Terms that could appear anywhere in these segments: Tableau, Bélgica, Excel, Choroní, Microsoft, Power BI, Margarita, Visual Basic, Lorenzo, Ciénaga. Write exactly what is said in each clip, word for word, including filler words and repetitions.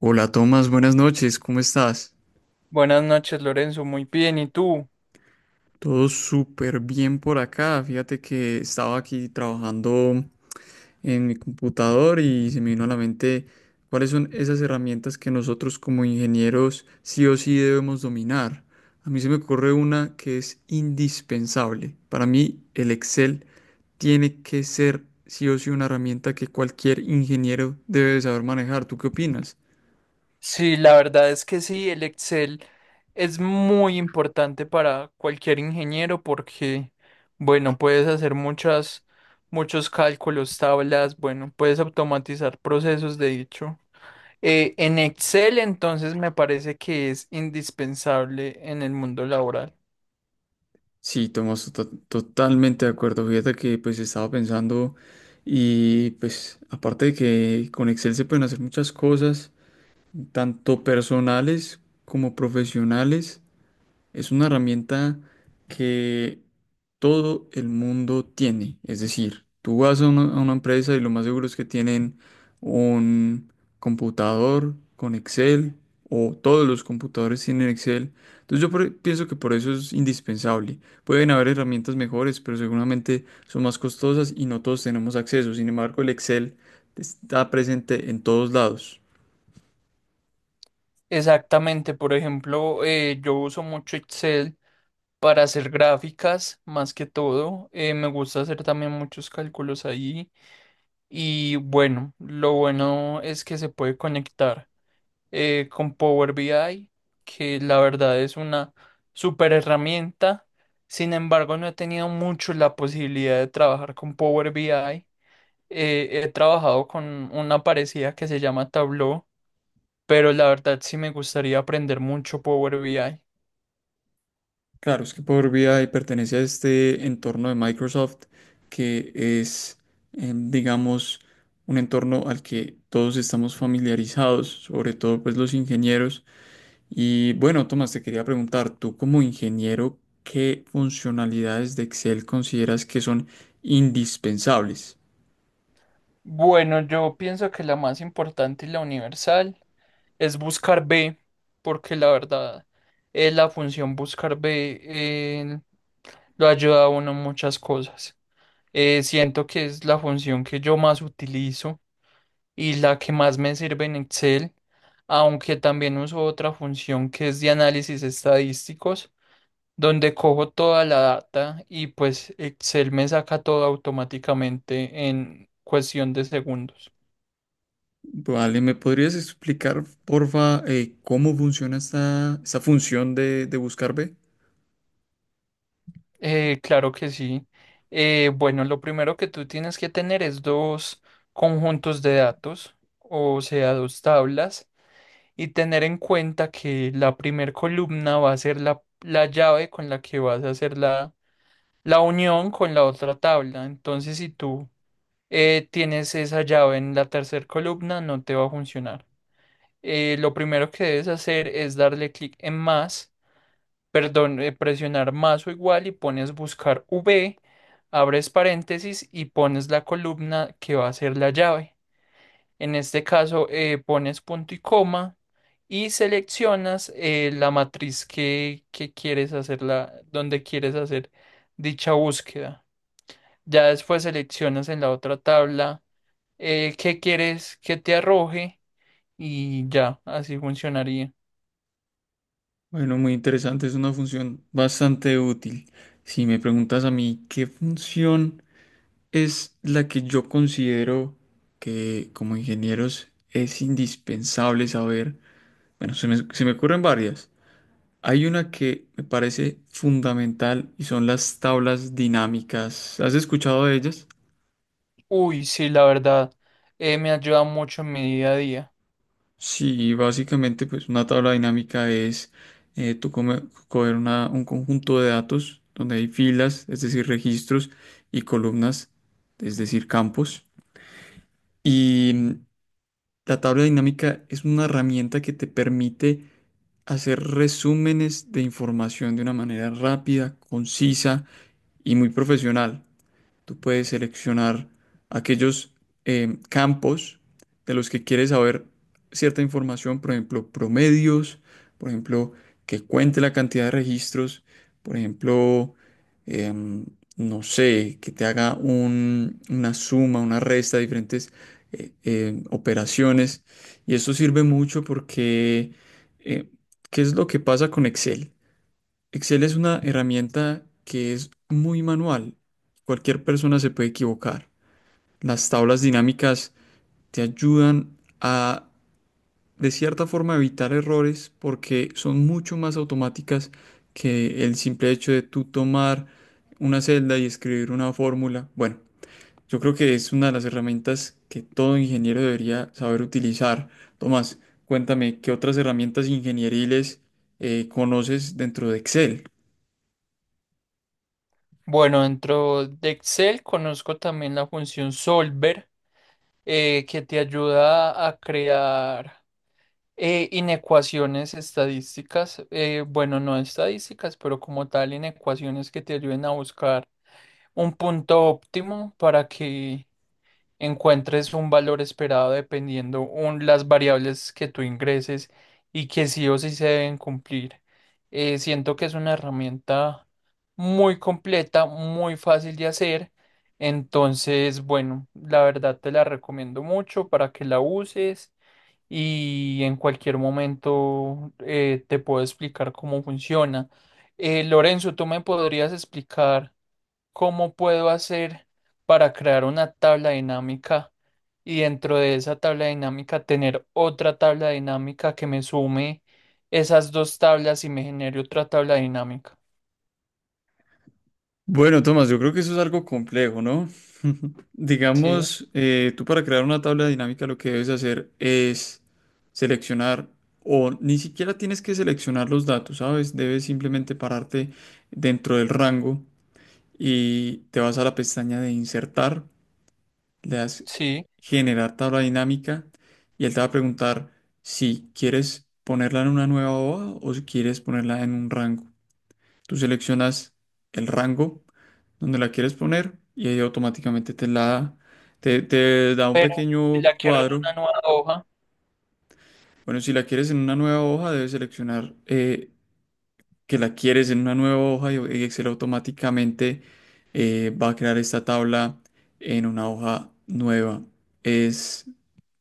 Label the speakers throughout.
Speaker 1: Hola Tomás, buenas noches, ¿cómo estás?
Speaker 2: Buenas noches, Lorenzo. Muy bien. ¿Y tú?
Speaker 1: Todo súper bien por acá. Fíjate que estaba aquí trabajando en mi computador y se me vino a la mente cuáles son esas herramientas que nosotros como ingenieros sí o sí debemos dominar. A mí se me ocurre una que es indispensable. Para mí el Excel tiene que ser sí o sí una herramienta que cualquier ingeniero debe saber manejar. ¿Tú qué opinas?
Speaker 2: Sí, la verdad es que sí, el Excel es muy importante para cualquier ingeniero porque, bueno, puedes hacer muchas, muchos cálculos, tablas, bueno, puedes automatizar procesos, de hecho. Eh, en Excel, entonces, me parece que es indispensable en el mundo laboral.
Speaker 1: Sí, Tomás, to- totalmente de acuerdo. Fíjate que pues estaba pensando y pues aparte de que con Excel se pueden hacer muchas cosas, tanto personales como profesionales. Es una herramienta que todo el mundo tiene. Es decir, tú vas a una, a una empresa y lo más seguro es que tienen un computador con Excel o todos los computadores tienen Excel. Entonces yo por- pienso que por eso es indispensable. Pueden haber herramientas mejores, pero seguramente son más costosas y no todos tenemos acceso. Sin embargo, el Excel está presente en todos lados.
Speaker 2: Exactamente. Por ejemplo, eh, yo uso mucho Excel para hacer gráficas más que todo. Eh, me gusta hacer también muchos cálculos ahí. Y bueno, lo bueno es que se puede conectar eh, con Power B I, que la verdad es una super herramienta. Sin embargo, no he tenido mucho la posibilidad de trabajar con Power B I. Eh, he trabajado con una parecida que se llama Tableau, pero la verdad sí me gustaría aprender mucho Power B I.
Speaker 1: Claro, es que Power B I pertenece a este entorno de Microsoft que es, eh, digamos, un entorno al que todos estamos familiarizados, sobre todo pues los ingenieros. Y bueno, Tomás, te quería preguntar, tú como ingeniero, ¿qué funcionalidades de Excel consideras que son indispensables?
Speaker 2: Bueno, yo pienso que la más importante y la universal es buscar B, porque la verdad, eh, la función buscar B eh, lo ayuda a uno en muchas cosas. Eh, siento que es la función que yo más utilizo y la que más me sirve en Excel, aunque también uso otra función que es de análisis estadísticos, donde cojo toda la data y pues Excel me saca todo automáticamente en cuestión de segundos.
Speaker 1: Vale, ¿me podrías explicar, porfa, eh, cómo funciona esta, esta función de, de buscar B?
Speaker 2: Eh, claro que sí. Eh, bueno, lo primero que tú tienes que tener es dos conjuntos de datos, o sea, dos tablas, y tener en cuenta que la primer columna va a ser la, la llave con la que vas a hacer la, la unión con la otra tabla. Entonces, si tú eh, tienes esa llave en la tercer columna, no te va a funcionar. Eh, lo primero que debes hacer es darle clic en más perdón, eh, presionar más o igual y pones buscar V, abres paréntesis y pones la columna que va a ser la llave. En este caso, eh, pones punto y coma y seleccionas eh, la matriz que, que quieres hacer la, donde quieres hacer dicha búsqueda. Ya después seleccionas en la otra tabla eh, qué quieres que te arroje y ya, así funcionaría.
Speaker 1: Bueno, muy interesante, es una función bastante útil. Si me preguntas a mí qué función es la que yo considero que como ingenieros es indispensable saber, bueno, se me, se me ocurren varias. Hay una que me parece fundamental y son las tablas dinámicas. ¿Has escuchado de ellas?
Speaker 2: Uy, sí, la verdad, eh, me ayuda mucho en mi día a día.
Speaker 1: Sí, básicamente pues una tabla dinámica es eh, tú come- coger una- un conjunto de datos donde hay filas, es decir, registros y columnas, es decir, campos. Y mm, la tabla dinámica es una herramienta que te permite hacer resúmenes de información de una manera rápida, concisa y muy profesional. Tú puedes seleccionar aquellos eh, campos de los que quieres saber cierta información, por ejemplo, promedios, por ejemplo, que cuente la cantidad de registros, por ejemplo, em, no sé, que te haga un- una suma, una resta de diferentes eh, em, operaciones. Y eso sirve mucho porque, eh, ¿qué es lo que pasa con Excel? Excel es una herramienta que es muy manual. Cualquier persona se puede equivocar. Las tablas dinámicas te ayudan a, de cierta forma, evitar errores porque son mucho más automáticas que el simple hecho de tú tomar una celda y escribir una fórmula. Bueno, yo creo que es una de las herramientas que todo ingeniero debería saber utilizar. Tomás, cuéntame, ¿qué otras herramientas ingenieriles eh, conoces dentro de Excel?
Speaker 2: Bueno, dentro de Excel conozco también la función solver, eh, que te ayuda a crear eh, inecuaciones estadísticas, eh, bueno, no estadísticas, pero como tal, inecuaciones que te ayuden a buscar un punto óptimo para que encuentres un valor esperado dependiendo un, las variables que tú ingreses y que sí o sí se deben cumplir. Eh, siento que es una herramienta muy completa, muy fácil de hacer. Entonces, bueno, la verdad te la recomiendo mucho para que la uses y en cualquier momento eh, te puedo explicar cómo funciona. Eh, Lorenzo, ¿tú me podrías explicar cómo puedo hacer para crear una tabla dinámica y dentro de esa tabla dinámica tener otra tabla dinámica que me sume esas dos tablas y me genere otra tabla dinámica?
Speaker 1: Bueno, Tomás, yo creo que eso es algo complejo, ¿no?
Speaker 2: Sí,
Speaker 1: Digamos, eh, tú para crear una tabla dinámica lo que debes hacer es seleccionar, o ni siquiera tienes que seleccionar los datos, ¿sabes? Debes simplemente pararte dentro del rango y te vas a la pestaña de insertar, le das
Speaker 2: sí,
Speaker 1: generar tabla dinámica y él te va a preguntar si quieres ponerla en una nueva hoja o si quieres ponerla en un rango. Tú seleccionas el rango donde la quieres poner y ahí automáticamente te la da. Te, te da un
Speaker 2: pero si
Speaker 1: pequeño
Speaker 2: la quiero en
Speaker 1: cuadro.
Speaker 2: una nueva hoja,
Speaker 1: Bueno, si la quieres en una nueva hoja, debes seleccionar eh, que la quieres en una nueva hoja y y Excel automáticamente eh, va a crear esta tabla en una hoja nueva. Es,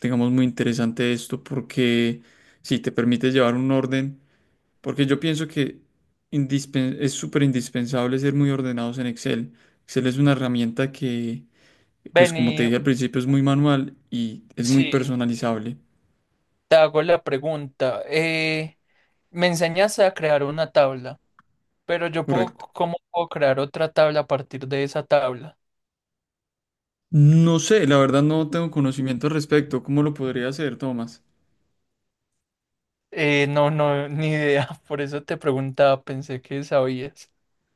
Speaker 1: digamos, muy interesante esto porque si te permite llevar un orden porque yo pienso que indispen- es súper indispensable ser muy ordenados en Excel. Excel es una herramienta que, pues como te
Speaker 2: vení,
Speaker 1: dije al principio, es muy manual y es muy
Speaker 2: sí,
Speaker 1: personalizable.
Speaker 2: te hago la pregunta. Eh, me enseñaste a crear una tabla, pero yo puedo,
Speaker 1: Correcto.
Speaker 2: ¿cómo puedo crear otra tabla a partir de esa tabla?
Speaker 1: No sé, la verdad no tengo conocimiento al respecto. ¿Cómo lo podría hacer, Tomás?
Speaker 2: Eh, no, no, ni idea. Por eso te preguntaba, pensé que sabías.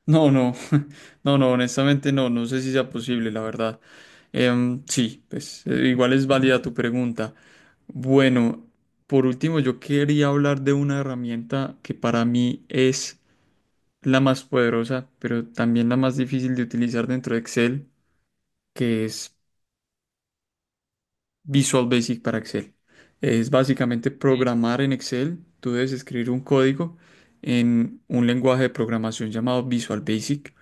Speaker 1: No, no, no, no, honestamente no, no sé si sea posible, la verdad. Em, sí, pues eh, igual es válida tu pregunta. Bueno, por último, yo quería hablar de una herramienta que para mí es la más poderosa, pero también la más difícil de utilizar dentro de Excel, que es Visual Basic para Excel. Es básicamente programar en Excel. Tú debes escribir un código en un lenguaje de programación llamado Visual Basic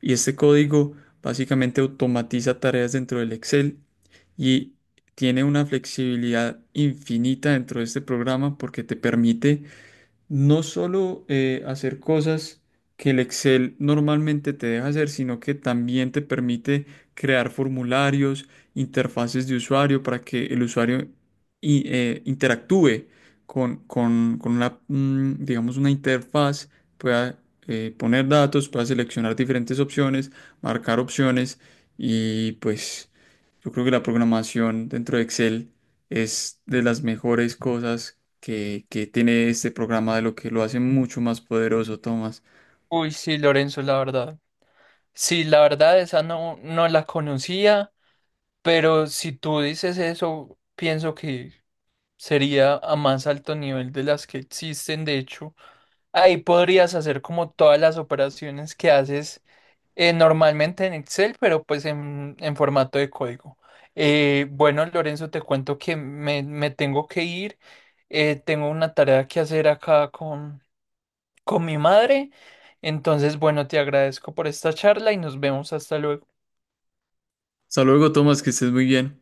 Speaker 1: y este código básicamente automatiza tareas dentro del Excel y tiene una flexibilidad infinita dentro de este programa porque te permite no solo eh, hacer cosas que el Excel normalmente te deja hacer, sino que también te permite crear formularios, interfaces de usuario para que el usuario i- eh, interactúe con, con- con una, mm, digamos, una interfaz, pueda eh, poner datos, pueda seleccionar diferentes opciones, marcar opciones y pues... Yo creo que la programación dentro de Excel es de las mejores cosas que, que tiene este programa, de lo que lo hace mucho más poderoso, Tomás.
Speaker 2: Uy, sí, Lorenzo, la verdad. Sí, la verdad, esa no, no la conocía, pero si tú dices eso, pienso que sería a más alto nivel de las que existen. De hecho, ahí podrías hacer como todas las operaciones que haces Eh, normalmente en Excel, pero pues en, en formato de código. Eh, bueno, Lorenzo, te cuento que me, me tengo que ir. Eh, tengo una tarea que hacer acá con, con mi madre. Entonces, bueno, te agradezco por esta charla y nos vemos hasta luego.
Speaker 1: Hasta luego, Tomás, que estés muy bien.